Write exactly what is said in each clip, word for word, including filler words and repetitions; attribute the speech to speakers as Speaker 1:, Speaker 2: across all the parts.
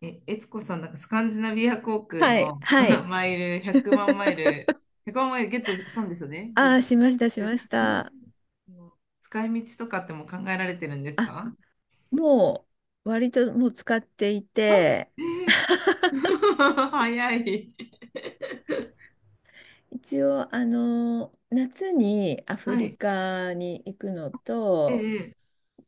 Speaker 1: え、悦子さん、なんかスカンジナビア航空
Speaker 2: はい、
Speaker 1: の
Speaker 2: は い。
Speaker 1: マイル、100万マイル、ひゃくまんマイルゲットしたんですよね。ゲ
Speaker 2: あ
Speaker 1: ッ
Speaker 2: あ、
Speaker 1: ト
Speaker 2: し
Speaker 1: し
Speaker 2: ました、し
Speaker 1: て。
Speaker 2: まし
Speaker 1: う
Speaker 2: た。
Speaker 1: ん。使い道とかっても考えられてるんです
Speaker 2: あ、
Speaker 1: か？
Speaker 2: もう、割ともう使ってい
Speaker 1: あ、
Speaker 2: て、
Speaker 1: えー 早い。
Speaker 2: 一応、あの、夏にアフ
Speaker 1: は
Speaker 2: リ
Speaker 1: い。
Speaker 2: カに行くのと、
Speaker 1: ええ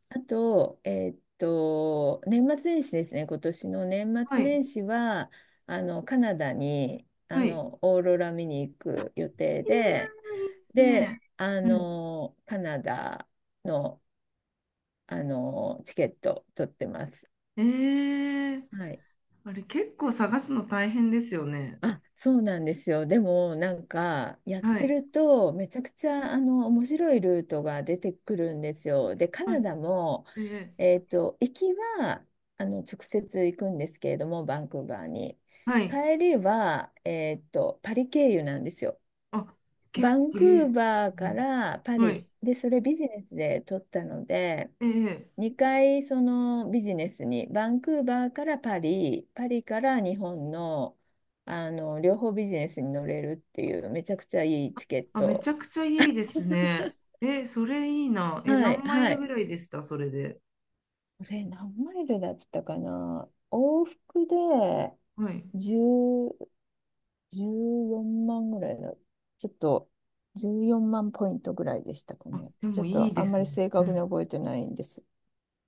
Speaker 2: あと、えーっと、年末年始ですね、今年の年
Speaker 1: は
Speaker 2: 末
Speaker 1: い。
Speaker 2: 年始は、あの、カナダに、あ
Speaker 1: はい。いや
Speaker 2: の、オーロラ見に行く予定
Speaker 1: ー、いいで
Speaker 2: で、
Speaker 1: す
Speaker 2: で、
Speaker 1: ね。
Speaker 2: あ
Speaker 1: うん。
Speaker 2: の、カナダの、あの、チケット取ってます。
Speaker 1: ええ
Speaker 2: はい。
Speaker 1: あれ結構探すの大変ですよね？
Speaker 2: あ、そうなんですよ。でも、なんか、やっ
Speaker 1: は
Speaker 2: て
Speaker 1: い。
Speaker 2: ると、めちゃくちゃ、あの、面白いルートが出てくるんですよ。で、カナ
Speaker 1: は
Speaker 2: ダも、
Speaker 1: い。ええ
Speaker 2: えっと、行きは、あの、直接行くんですけれども、バンクーバーに。
Speaker 1: はい。
Speaker 2: 帰りは、えっと、パリ経由なんですよ。
Speaker 1: あ、結
Speaker 2: バン
Speaker 1: 構、
Speaker 2: ク
Speaker 1: ええ
Speaker 2: ーバーからパ
Speaker 1: は
Speaker 2: リ。
Speaker 1: い。
Speaker 2: で、それビジネスで取ったので、
Speaker 1: ええ
Speaker 2: にかいそのビジネスにバンクーバーからパリ、パリから日本の、あの両方ビジネスに乗れるっていうめちゃくちゃいいチケッ
Speaker 1: あ、めち
Speaker 2: ト。
Speaker 1: ゃくちゃいいですね。え、それいいな。え、
Speaker 2: はい
Speaker 1: 何マイ
Speaker 2: は
Speaker 1: ルぐ
Speaker 2: い。
Speaker 1: らいでしたそれで？
Speaker 2: これ何マイルだったかな、往復で
Speaker 1: はい。
Speaker 2: じゅう、じゅうよんまんぐらいの、ちょっとじゅうよんまんポイントぐらいでしたか
Speaker 1: あ、
Speaker 2: ね。
Speaker 1: で
Speaker 2: ちょ
Speaker 1: も
Speaker 2: っ
Speaker 1: いい
Speaker 2: とあ
Speaker 1: で
Speaker 2: んま
Speaker 1: す
Speaker 2: り
Speaker 1: ね。
Speaker 2: 正
Speaker 1: う
Speaker 2: 確に
Speaker 1: ん。
Speaker 2: 覚えてないんです。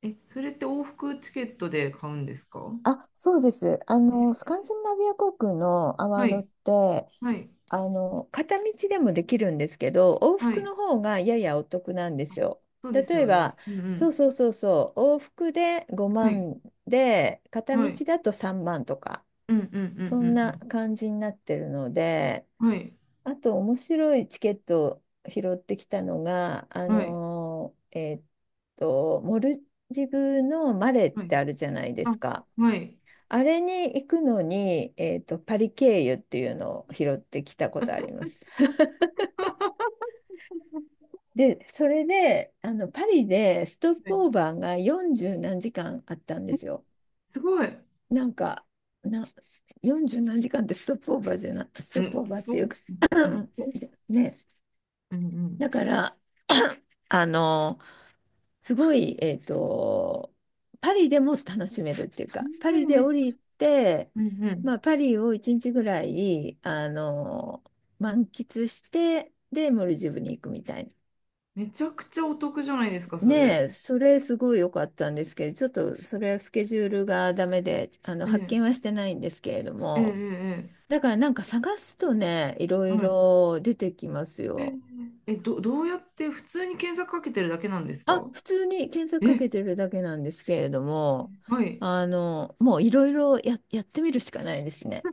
Speaker 1: え、それって往復チケットで買うんですか？
Speaker 2: あ、そうです。あの、スカンジナビア航空のアワ
Speaker 1: は
Speaker 2: ードっ
Speaker 1: い。
Speaker 2: て、
Speaker 1: はい。
Speaker 2: あの、片道でもできるんですけど、往
Speaker 1: は
Speaker 2: 復
Speaker 1: い。
Speaker 2: の方がややお得なんですよ。
Speaker 1: そうで
Speaker 2: 例
Speaker 1: すよ
Speaker 2: え
Speaker 1: ね。
Speaker 2: ば、
Speaker 1: うんう
Speaker 2: そう
Speaker 1: ん。
Speaker 2: そうそうそう、往復で
Speaker 1: は
Speaker 2: 5
Speaker 1: い。
Speaker 2: 万で、片
Speaker 1: は
Speaker 2: 道
Speaker 1: い。
Speaker 2: だとさんまんとか、
Speaker 1: うんうんうんう
Speaker 2: そんな
Speaker 1: ん
Speaker 2: 感じになってるので、
Speaker 1: うん。はい。
Speaker 2: あと面白いチケットを拾ってきたのが、あ
Speaker 1: はい。
Speaker 2: のーえーっと、モルジブのマレっ
Speaker 1: はい。
Speaker 2: てあるじゃないで
Speaker 1: あ、
Speaker 2: すか。
Speaker 1: はい。
Speaker 2: あれに行くのに、えーっと、パリ経由っていうのを拾ってきたことあります。で、それで、あの、パリでストッ
Speaker 1: は
Speaker 2: プ
Speaker 1: い
Speaker 2: オーバーがよんじゅう何時間あったんで
Speaker 1: え
Speaker 2: すよ。
Speaker 1: すごい。
Speaker 2: なんか、な、よんじゅう何時間ってストップオーバーじゃない、ス
Speaker 1: う
Speaker 2: トップ
Speaker 1: ん、
Speaker 2: オーバーっ
Speaker 1: そ
Speaker 2: てい
Speaker 1: う。
Speaker 2: うか、
Speaker 1: うん
Speaker 2: ね、
Speaker 1: う
Speaker 2: だ
Speaker 1: ん。
Speaker 2: から、あの、すごい、えっと、パリでも楽しめるっていう
Speaker 1: う
Speaker 2: か、パ
Speaker 1: んえ
Speaker 2: リで
Speaker 1: め、
Speaker 2: 降りて、
Speaker 1: うんうん。
Speaker 2: まあ、パリをいちにちぐらい、あの、満喫して、で、モルジブに行くみたいな。
Speaker 1: めちゃくちゃお得じゃないですか、そ
Speaker 2: ね
Speaker 1: れ。
Speaker 2: え、それすごい良かったんですけど、ちょっとそれはスケジュールがダメで、あの、
Speaker 1: え
Speaker 2: 発
Speaker 1: え、
Speaker 2: 見はしてないんですけれど
Speaker 1: ええ、
Speaker 2: も、
Speaker 1: ええ、
Speaker 2: だからなんか探すとね、いろい
Speaker 1: はい。
Speaker 2: ろ出てきますよ。
Speaker 1: え、ど、どうやって普通に検索かけてるだけなんです
Speaker 2: あ、
Speaker 1: か？
Speaker 2: 普通に検索か
Speaker 1: え、
Speaker 2: けてるだけなんですけれども、
Speaker 1: はい。
Speaker 2: あの、もういろいろや、やってみるしかないですね。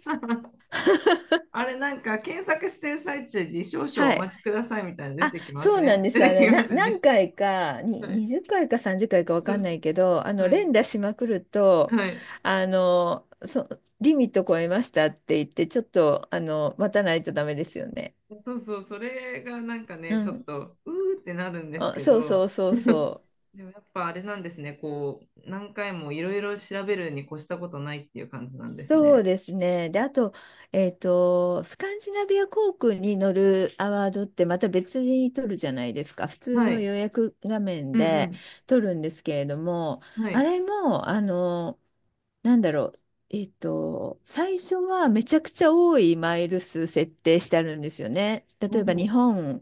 Speaker 1: あれなんか検索してる最中に少々
Speaker 2: は
Speaker 1: お
Speaker 2: い。
Speaker 1: 待ちくださいみたいなの出
Speaker 2: あ、
Speaker 1: てきま
Speaker 2: そう
Speaker 1: せ
Speaker 2: なん
Speaker 1: ん？
Speaker 2: で す。
Speaker 1: 出
Speaker 2: あ
Speaker 1: て
Speaker 2: れ、
Speaker 1: きま
Speaker 2: な、
Speaker 1: すよ
Speaker 2: 何
Speaker 1: ね。
Speaker 2: 回か、に、
Speaker 1: はい。
Speaker 2: にじゅっかいかさんじゅっかいかいかわ
Speaker 1: そ
Speaker 2: かん
Speaker 1: う、
Speaker 2: ないけど、あの、
Speaker 1: はい。
Speaker 2: 連打しまくると、
Speaker 1: はい。
Speaker 2: あの、そ、リミット超えましたって言って、ちょっと、あの、待たないとダメですよね。
Speaker 1: そうそう、それがなんか
Speaker 2: う
Speaker 1: ね、ちょっ
Speaker 2: ん。
Speaker 1: と、うーってなるんです
Speaker 2: あ、
Speaker 1: け
Speaker 2: そうそ
Speaker 1: ど、
Speaker 2: うそうそう。
Speaker 1: でもやっぱあれなんですね、こう、何回もいろいろ調べるに越したことないっていう感じなんです
Speaker 2: そう
Speaker 1: ね。
Speaker 2: ですね。で、あと、えっと、スカンジナビア航空に乗るアワードってまた別に取るじゃないですか。普通
Speaker 1: は
Speaker 2: の
Speaker 1: い。
Speaker 2: 予約画面
Speaker 1: う
Speaker 2: で
Speaker 1: ん
Speaker 2: 取るんですけれども、
Speaker 1: うん。は
Speaker 2: あ
Speaker 1: い。
Speaker 2: れも、あの、なんだろう。えっと、最初はめちゃくちゃ多いマイル数設定してあるんですよね。例
Speaker 1: お
Speaker 2: えば日
Speaker 1: お。
Speaker 2: 本、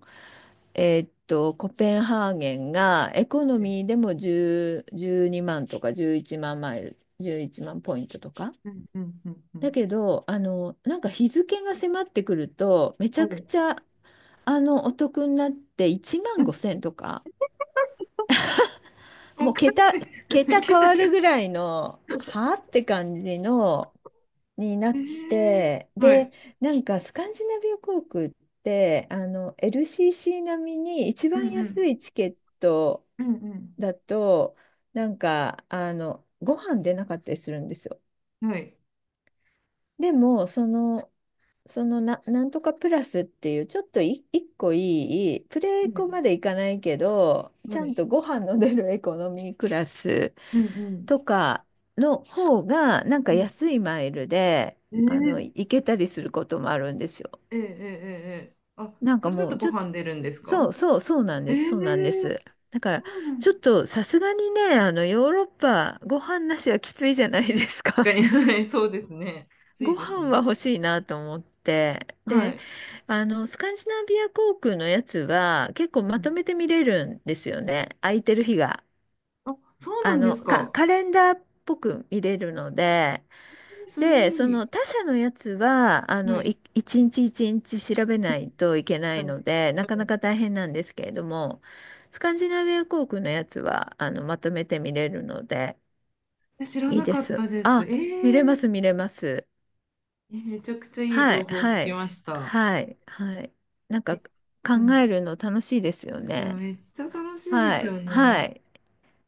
Speaker 2: えっと、コペンハーゲンがエコノミーでもいち にまんとかじゅういちまんマイル、じゅういちまんポイントとか。
Speaker 1: うんうんうんう
Speaker 2: だ
Speaker 1: ん。
Speaker 2: けど、あの、なんか日付が迫ってくると、めち
Speaker 1: は
Speaker 2: ゃく
Speaker 1: い。
Speaker 2: ちゃ、あの、お得になって1
Speaker 1: う
Speaker 2: 万
Speaker 1: ん
Speaker 2: ごせんとか、
Speaker 1: お
Speaker 2: もう
Speaker 1: かし
Speaker 2: 桁、
Speaker 1: い。
Speaker 2: 桁変
Speaker 1: 桁が。
Speaker 2: わるぐらいの、はあって感じのにな
Speaker 1: え
Speaker 2: っ
Speaker 1: ー、
Speaker 2: て、
Speaker 1: はい。
Speaker 2: で、なんかスカンジナビア航空って、あの、エルシーシー 並みに一
Speaker 1: うん
Speaker 2: 番
Speaker 1: う
Speaker 2: 安
Speaker 1: ん。
Speaker 2: いチケット
Speaker 1: うん
Speaker 2: だと、なんか、あの、ご飯出なかったりするんですよ。
Speaker 1: うん。はい。
Speaker 2: でも、その、そのな、なんとかプラスっていう、ちょっとい一個いい、プレエ
Speaker 1: は
Speaker 2: コま
Speaker 1: い。
Speaker 2: でいかないけど、
Speaker 1: は
Speaker 2: ちゃん
Speaker 1: い。
Speaker 2: とご飯の出るエコノミークラス
Speaker 1: うんうん
Speaker 2: とかの方が、なんか
Speaker 1: うん。
Speaker 2: 安いマイルで、
Speaker 1: え
Speaker 2: あの、
Speaker 1: ー、
Speaker 2: 行けたりすることもあるんですよ。
Speaker 1: えー、えー、えーえーあ、
Speaker 2: なん
Speaker 1: そ
Speaker 2: か
Speaker 1: れだ
Speaker 2: も
Speaker 1: と
Speaker 2: う
Speaker 1: ご
Speaker 2: ちょっと、
Speaker 1: 飯出るんですか？
Speaker 2: そうそうそうなん
Speaker 1: え
Speaker 2: です、そうなんで
Speaker 1: ー、
Speaker 2: す。だか
Speaker 1: そ
Speaker 2: ら、
Speaker 1: うなん
Speaker 2: ちょっとさすがにね、あの、ヨーロッパ、ご飯なしはきついじゃないですか。
Speaker 1: 確かに、はい、そうですね。つい
Speaker 2: ご
Speaker 1: です
Speaker 2: 飯は
Speaker 1: ね。
Speaker 2: 欲しいなと思って。
Speaker 1: は
Speaker 2: で、
Speaker 1: い。
Speaker 2: あの、スカンジナビア航空のやつは結構
Speaker 1: う
Speaker 2: まと
Speaker 1: ん、
Speaker 2: めて見れるんですよね。空いてる日が。
Speaker 1: あ、そうな
Speaker 2: あ
Speaker 1: んで
Speaker 2: の、
Speaker 1: す
Speaker 2: か、
Speaker 1: か。
Speaker 2: カレンダーっぽく見れるので、
Speaker 1: それ
Speaker 2: で、そ
Speaker 1: い
Speaker 2: の
Speaker 1: い。
Speaker 2: 他社のやつは、あ
Speaker 1: は
Speaker 2: の、
Speaker 1: い。
Speaker 2: い一日一日調べないといけないの
Speaker 1: は
Speaker 2: で、なかなか大変なんですけれども、スカンジナビア航空のやつは、あの、まとめて見れるので、
Speaker 1: い。知ら
Speaker 2: いい
Speaker 1: な
Speaker 2: で
Speaker 1: かっ
Speaker 2: す。
Speaker 1: たです。え
Speaker 2: あ、見れま
Speaker 1: ー、
Speaker 2: す、見れます。
Speaker 1: えめちゃくちゃいい
Speaker 2: は
Speaker 1: 情
Speaker 2: い、
Speaker 1: 報を聞
Speaker 2: は
Speaker 1: き
Speaker 2: い、
Speaker 1: ました。
Speaker 2: はい、はい。なんか、考
Speaker 1: うん。
Speaker 2: えるの楽しいですよ
Speaker 1: いや、
Speaker 2: ね。
Speaker 1: めっちゃ楽しいで
Speaker 2: は
Speaker 1: す
Speaker 2: い、
Speaker 1: よね。
Speaker 2: はい。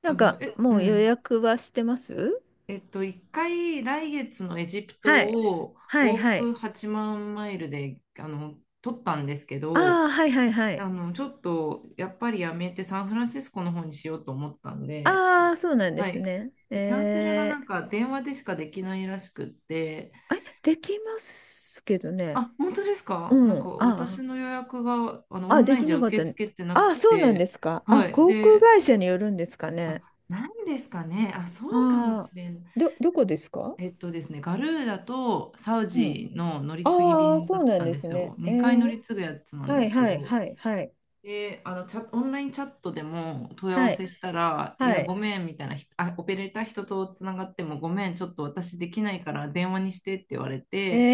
Speaker 2: な
Speaker 1: あ
Speaker 2: ん
Speaker 1: の、
Speaker 2: か、
Speaker 1: え、
Speaker 2: も
Speaker 1: う
Speaker 2: う予
Speaker 1: ん。
Speaker 2: 約はしてます？
Speaker 1: えっと、一回来月のエジプ
Speaker 2: は
Speaker 1: ト
Speaker 2: い、
Speaker 1: を
Speaker 2: はい、
Speaker 1: 往
Speaker 2: はい。
Speaker 1: 復はちまんマイルで、あの、取ったんですけど、
Speaker 2: ああ、はい、はい、はい。
Speaker 1: あの、ちょっとやっぱりやめてサンフランシスコの方にしようと思ったんで、
Speaker 2: ああ、そうなんで
Speaker 1: は
Speaker 2: す
Speaker 1: い。
Speaker 2: ね。
Speaker 1: でキャンセルが
Speaker 2: え
Speaker 1: なん
Speaker 2: ー、
Speaker 1: か電話でしかできないらしくって、
Speaker 2: あれ、できますけどね。
Speaker 1: あ、本当ですか？なん
Speaker 2: う
Speaker 1: か
Speaker 2: ん。
Speaker 1: 私
Speaker 2: あ
Speaker 1: の予約があの
Speaker 2: あ、
Speaker 1: オ
Speaker 2: あ、
Speaker 1: ンラ
Speaker 2: で
Speaker 1: イン
Speaker 2: き
Speaker 1: じゃ
Speaker 2: なかっ
Speaker 1: 受
Speaker 2: た
Speaker 1: け
Speaker 2: ね。
Speaker 1: 付けてな
Speaker 2: あ
Speaker 1: く
Speaker 2: あ、そうなんで
Speaker 1: て、
Speaker 2: すか。
Speaker 1: は
Speaker 2: あ、
Speaker 1: い。
Speaker 2: 航空
Speaker 1: で、
Speaker 2: 会社によるんですか
Speaker 1: あ、
Speaker 2: ね。
Speaker 1: なんですかね。あ、
Speaker 2: あ
Speaker 1: そうかも
Speaker 2: あ、
Speaker 1: しれん。
Speaker 2: ど、どこですか
Speaker 1: えっとですね、ガルーダとサウ
Speaker 2: うん。
Speaker 1: ジの乗り継ぎ
Speaker 2: ああ、
Speaker 1: 便
Speaker 2: そ
Speaker 1: だ
Speaker 2: う
Speaker 1: っ
Speaker 2: な
Speaker 1: た
Speaker 2: ん
Speaker 1: ん
Speaker 2: で
Speaker 1: で
Speaker 2: す
Speaker 1: す
Speaker 2: ね。
Speaker 1: よ。
Speaker 2: え
Speaker 1: にかい乗
Speaker 2: ー、
Speaker 1: り継ぐやつなん
Speaker 2: は
Speaker 1: で
Speaker 2: い
Speaker 1: すけ
Speaker 2: はい
Speaker 1: ど。
Speaker 2: はいはい。
Speaker 1: で、あの、チャ、オンラインチャットでも問い合わ
Speaker 2: はい。
Speaker 1: せしたら、い
Speaker 2: は
Speaker 1: や、
Speaker 2: い。
Speaker 1: ごめんみたいなひあ、オペレーター人とつながっても、ごめん、ちょっと私できないから電話にしてって言われ
Speaker 2: え
Speaker 1: て、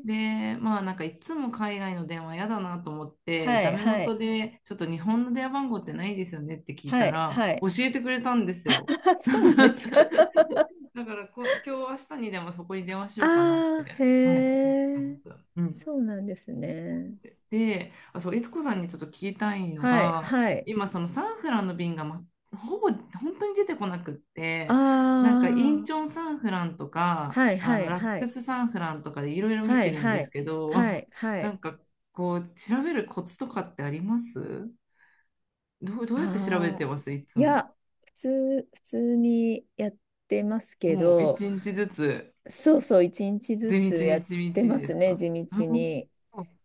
Speaker 2: ー、
Speaker 1: で、まあなんかいつも海外の電話嫌だなと思って、
Speaker 2: は
Speaker 1: ダ
Speaker 2: い
Speaker 1: メ
Speaker 2: は
Speaker 1: 元
Speaker 2: い
Speaker 1: でちょっと日本の電話番号ってないですよねって聞い
Speaker 2: は
Speaker 1: た
Speaker 2: い
Speaker 1: ら、
Speaker 2: はい。
Speaker 1: 教えてくれたんですよ。
Speaker 2: そうなんですか。
Speaker 1: だからこ、今日明日にでもそこに電話しようかなっ
Speaker 2: ああ、
Speaker 1: て、
Speaker 2: へ
Speaker 1: はい、思っ
Speaker 2: え、
Speaker 1: てます。うん
Speaker 2: そうなんですね。
Speaker 1: で、あ、そう、悦子さんにちょっと聞きたいの
Speaker 2: はい、
Speaker 1: が、
Speaker 2: はい。
Speaker 1: 今、そのサンフランの便が、ま、ほぼ本当に出てこなくっ
Speaker 2: あ
Speaker 1: て、なんかイン
Speaker 2: あ、
Speaker 1: チョンサンフランとか、
Speaker 2: はい
Speaker 1: あ
Speaker 2: は
Speaker 1: の
Speaker 2: い
Speaker 1: ラッ
Speaker 2: は
Speaker 1: ク
Speaker 2: い。
Speaker 1: スサンフランとかでいろいろ見
Speaker 2: は
Speaker 1: て
Speaker 2: い
Speaker 1: るん
Speaker 2: は
Speaker 1: です
Speaker 2: い
Speaker 1: けど、
Speaker 2: は いは
Speaker 1: な
Speaker 2: い。
Speaker 1: んかこう、調べるコツとかってあります？どう、どうやって調べ
Speaker 2: あ
Speaker 1: て
Speaker 2: あ、
Speaker 1: ますいつ
Speaker 2: い
Speaker 1: も？
Speaker 2: や、普通、普通にやってますけ
Speaker 1: もう一
Speaker 2: ど、
Speaker 1: 日ずつ、
Speaker 2: そうそう、一日ず
Speaker 1: 地道に
Speaker 2: つ
Speaker 1: 地
Speaker 2: やっ
Speaker 1: 道に
Speaker 2: てま
Speaker 1: で
Speaker 2: す
Speaker 1: す
Speaker 2: ね、
Speaker 1: か？
Speaker 2: 地
Speaker 1: う
Speaker 2: 道
Speaker 1: ん
Speaker 2: に。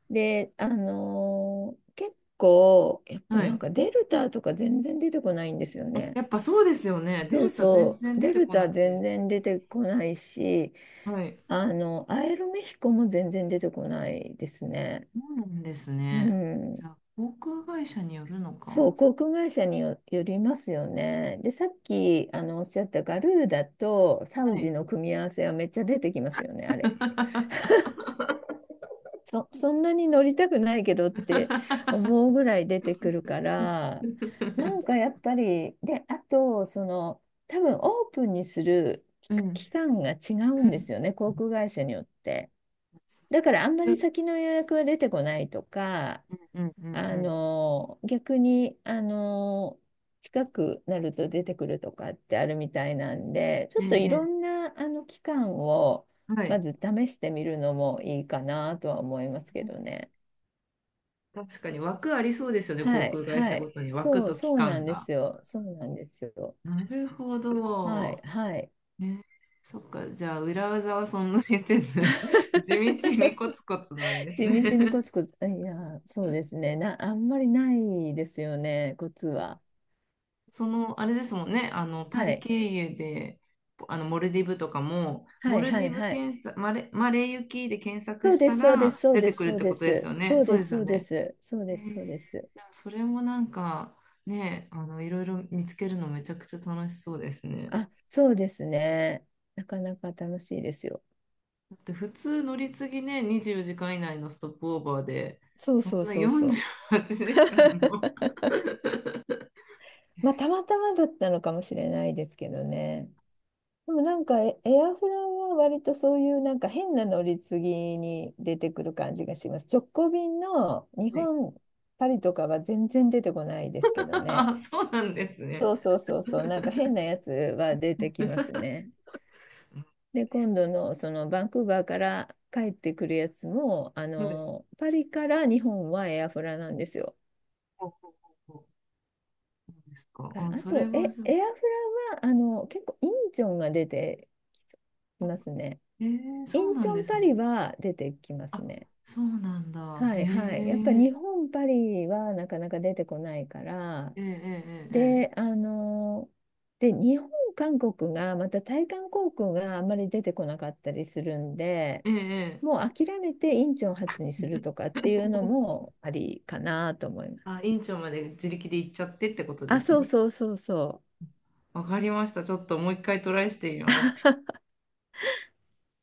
Speaker 2: で、あのー結構、やっぱ
Speaker 1: は
Speaker 2: なん
Speaker 1: い。
Speaker 2: かデルタとか全然出てこないんですよね。
Speaker 1: やっぱそうですよね。デ
Speaker 2: そう
Speaker 1: ルタ全
Speaker 2: そ
Speaker 1: 然
Speaker 2: う、
Speaker 1: 出
Speaker 2: デ
Speaker 1: て
Speaker 2: ル
Speaker 1: こな
Speaker 2: タ
Speaker 1: く
Speaker 2: 全
Speaker 1: て。
Speaker 2: 然出てこないし、
Speaker 1: はい。
Speaker 2: あの、アエルメヒコも全然出てこないですね。
Speaker 1: そうなんです
Speaker 2: う
Speaker 1: ね。じ
Speaker 2: ん。
Speaker 1: ゃあ、航空会社によるの
Speaker 2: そ
Speaker 1: か。
Speaker 2: う、航空会社によ、よりますよね。で、さっきあのおっしゃったガルーダとサウ
Speaker 1: はい。
Speaker 2: ジの組み合わせはめっちゃ出てきますよね、あれ。そ、そんなに乗りたくないけどって思うぐらい出てくるから、なんかやっぱり、で、あと、その、多分オープンにする
Speaker 1: うん。
Speaker 2: 期
Speaker 1: う
Speaker 2: 間が違うんです
Speaker 1: ん。
Speaker 2: よね、航空会社によって。だからあんま
Speaker 1: う
Speaker 2: り
Speaker 1: ん
Speaker 2: 先の予約は出てこないとか、
Speaker 1: うんうんう
Speaker 2: あ
Speaker 1: ん。
Speaker 2: の、逆に、あの、近くなると出てくるとかってあるみたいなんで、ち
Speaker 1: え
Speaker 2: ょっとい
Speaker 1: え、
Speaker 2: ろ
Speaker 1: ええ
Speaker 2: んな、あの、期間を、
Speaker 1: は
Speaker 2: ま
Speaker 1: い。
Speaker 2: ず試してみるのもいいかなとは思いますけどね。
Speaker 1: 確かに枠ありそうですよね、
Speaker 2: は
Speaker 1: 航
Speaker 2: い、
Speaker 1: 空会
Speaker 2: は
Speaker 1: 社ご
Speaker 2: い。
Speaker 1: とに枠
Speaker 2: そう、
Speaker 1: と期
Speaker 2: そうな
Speaker 1: 間
Speaker 2: んで
Speaker 1: が。
Speaker 2: すよ。そうなんですよ。
Speaker 1: なるほ
Speaker 2: は
Speaker 1: ど。
Speaker 2: い、はい。
Speaker 1: ね、そっか、じゃあ裏技は存在せず、地道にコツコツなんです
Speaker 2: 地道にコ
Speaker 1: ね。
Speaker 2: ツコツ、いや、そうですね。な、あんまりないですよね、コツは。
Speaker 1: その、あれですもんね、あの、パ
Speaker 2: は
Speaker 1: リ
Speaker 2: い、
Speaker 1: 経由で、あの、モルディブとかも、
Speaker 2: は
Speaker 1: モ
Speaker 2: い、
Speaker 1: ル
Speaker 2: は
Speaker 1: デ
Speaker 2: い、
Speaker 1: ィブ
Speaker 2: はい。
Speaker 1: 検索、マレ、マレー行きで検索
Speaker 2: そう
Speaker 1: し
Speaker 2: で
Speaker 1: た
Speaker 2: す、そうです、
Speaker 1: ら
Speaker 2: そう
Speaker 1: 出
Speaker 2: で
Speaker 1: て
Speaker 2: す、
Speaker 1: くる
Speaker 2: そ
Speaker 1: っ
Speaker 2: う
Speaker 1: て
Speaker 2: で
Speaker 1: こ
Speaker 2: す、
Speaker 1: とですよね。
Speaker 2: そう
Speaker 1: そう
Speaker 2: で
Speaker 1: で
Speaker 2: す、
Speaker 1: す
Speaker 2: そ
Speaker 1: よ
Speaker 2: うです、
Speaker 1: ね。
Speaker 2: そう
Speaker 1: え
Speaker 2: です、
Speaker 1: ー
Speaker 2: そうです。
Speaker 1: いやそれもなんか、ね、あの、いろいろ見つけるのめちゃくちゃ楽しそうですね。
Speaker 2: あ、そうですね。なかなか楽しいですよ。
Speaker 1: だって普通乗り継ぎね、にじゅうよじかん以内のストップオーバーで、
Speaker 2: そう
Speaker 1: そん
Speaker 2: そう
Speaker 1: な
Speaker 2: そうそ
Speaker 1: 48
Speaker 2: う。
Speaker 1: 時間も。
Speaker 2: まあ、たまたまだったのかもしれないですけどね。でもなんかエ、エアフラは割とそういうなんか変な乗り継ぎに出てくる感じがします。直行便の日
Speaker 1: はい
Speaker 2: 本、パリとかは全然出てこないですけどね。
Speaker 1: そうなんですね。
Speaker 2: そうそうそうそう、なんか変なやつは出てきますね。
Speaker 1: う
Speaker 2: で、今度のそのバンクーバーから帰ってくるやつも、あ
Speaker 1: んはい
Speaker 2: の、パリから日本はエアフラなんですよ。
Speaker 1: ほうほうほうほうそうですか。
Speaker 2: だか
Speaker 1: あ、
Speaker 2: らあ
Speaker 1: それ
Speaker 2: と、え、
Speaker 1: はそう。
Speaker 2: エアフラは、あの、結構インチョンが出てきますね。
Speaker 1: えー、そ
Speaker 2: イ
Speaker 1: う
Speaker 2: ン
Speaker 1: な
Speaker 2: チョ
Speaker 1: んで
Speaker 2: ン
Speaker 1: す
Speaker 2: パリ
Speaker 1: ね。
Speaker 2: は出てきます
Speaker 1: あ、
Speaker 2: ね。
Speaker 1: そうなんだ。
Speaker 2: は
Speaker 1: へ
Speaker 2: いはい。やっぱ
Speaker 1: え。
Speaker 2: 日本パリはなかなか出てこないから、
Speaker 1: ええ
Speaker 2: で、
Speaker 1: え
Speaker 2: あの、で、日本、韓国が、また対韓航空があんまり出てこなかったりするんで、
Speaker 1: ええええええ
Speaker 2: も
Speaker 1: え
Speaker 2: う諦めてインチョン発にするとかっ ていうのもありかなと思います。
Speaker 1: あ、院長まで自力で行っちゃってってことで
Speaker 2: あ、
Speaker 1: す
Speaker 2: そう
Speaker 1: ね。
Speaker 2: そうそうそう。
Speaker 1: わかりました。ちょっともう一回トライしてみます。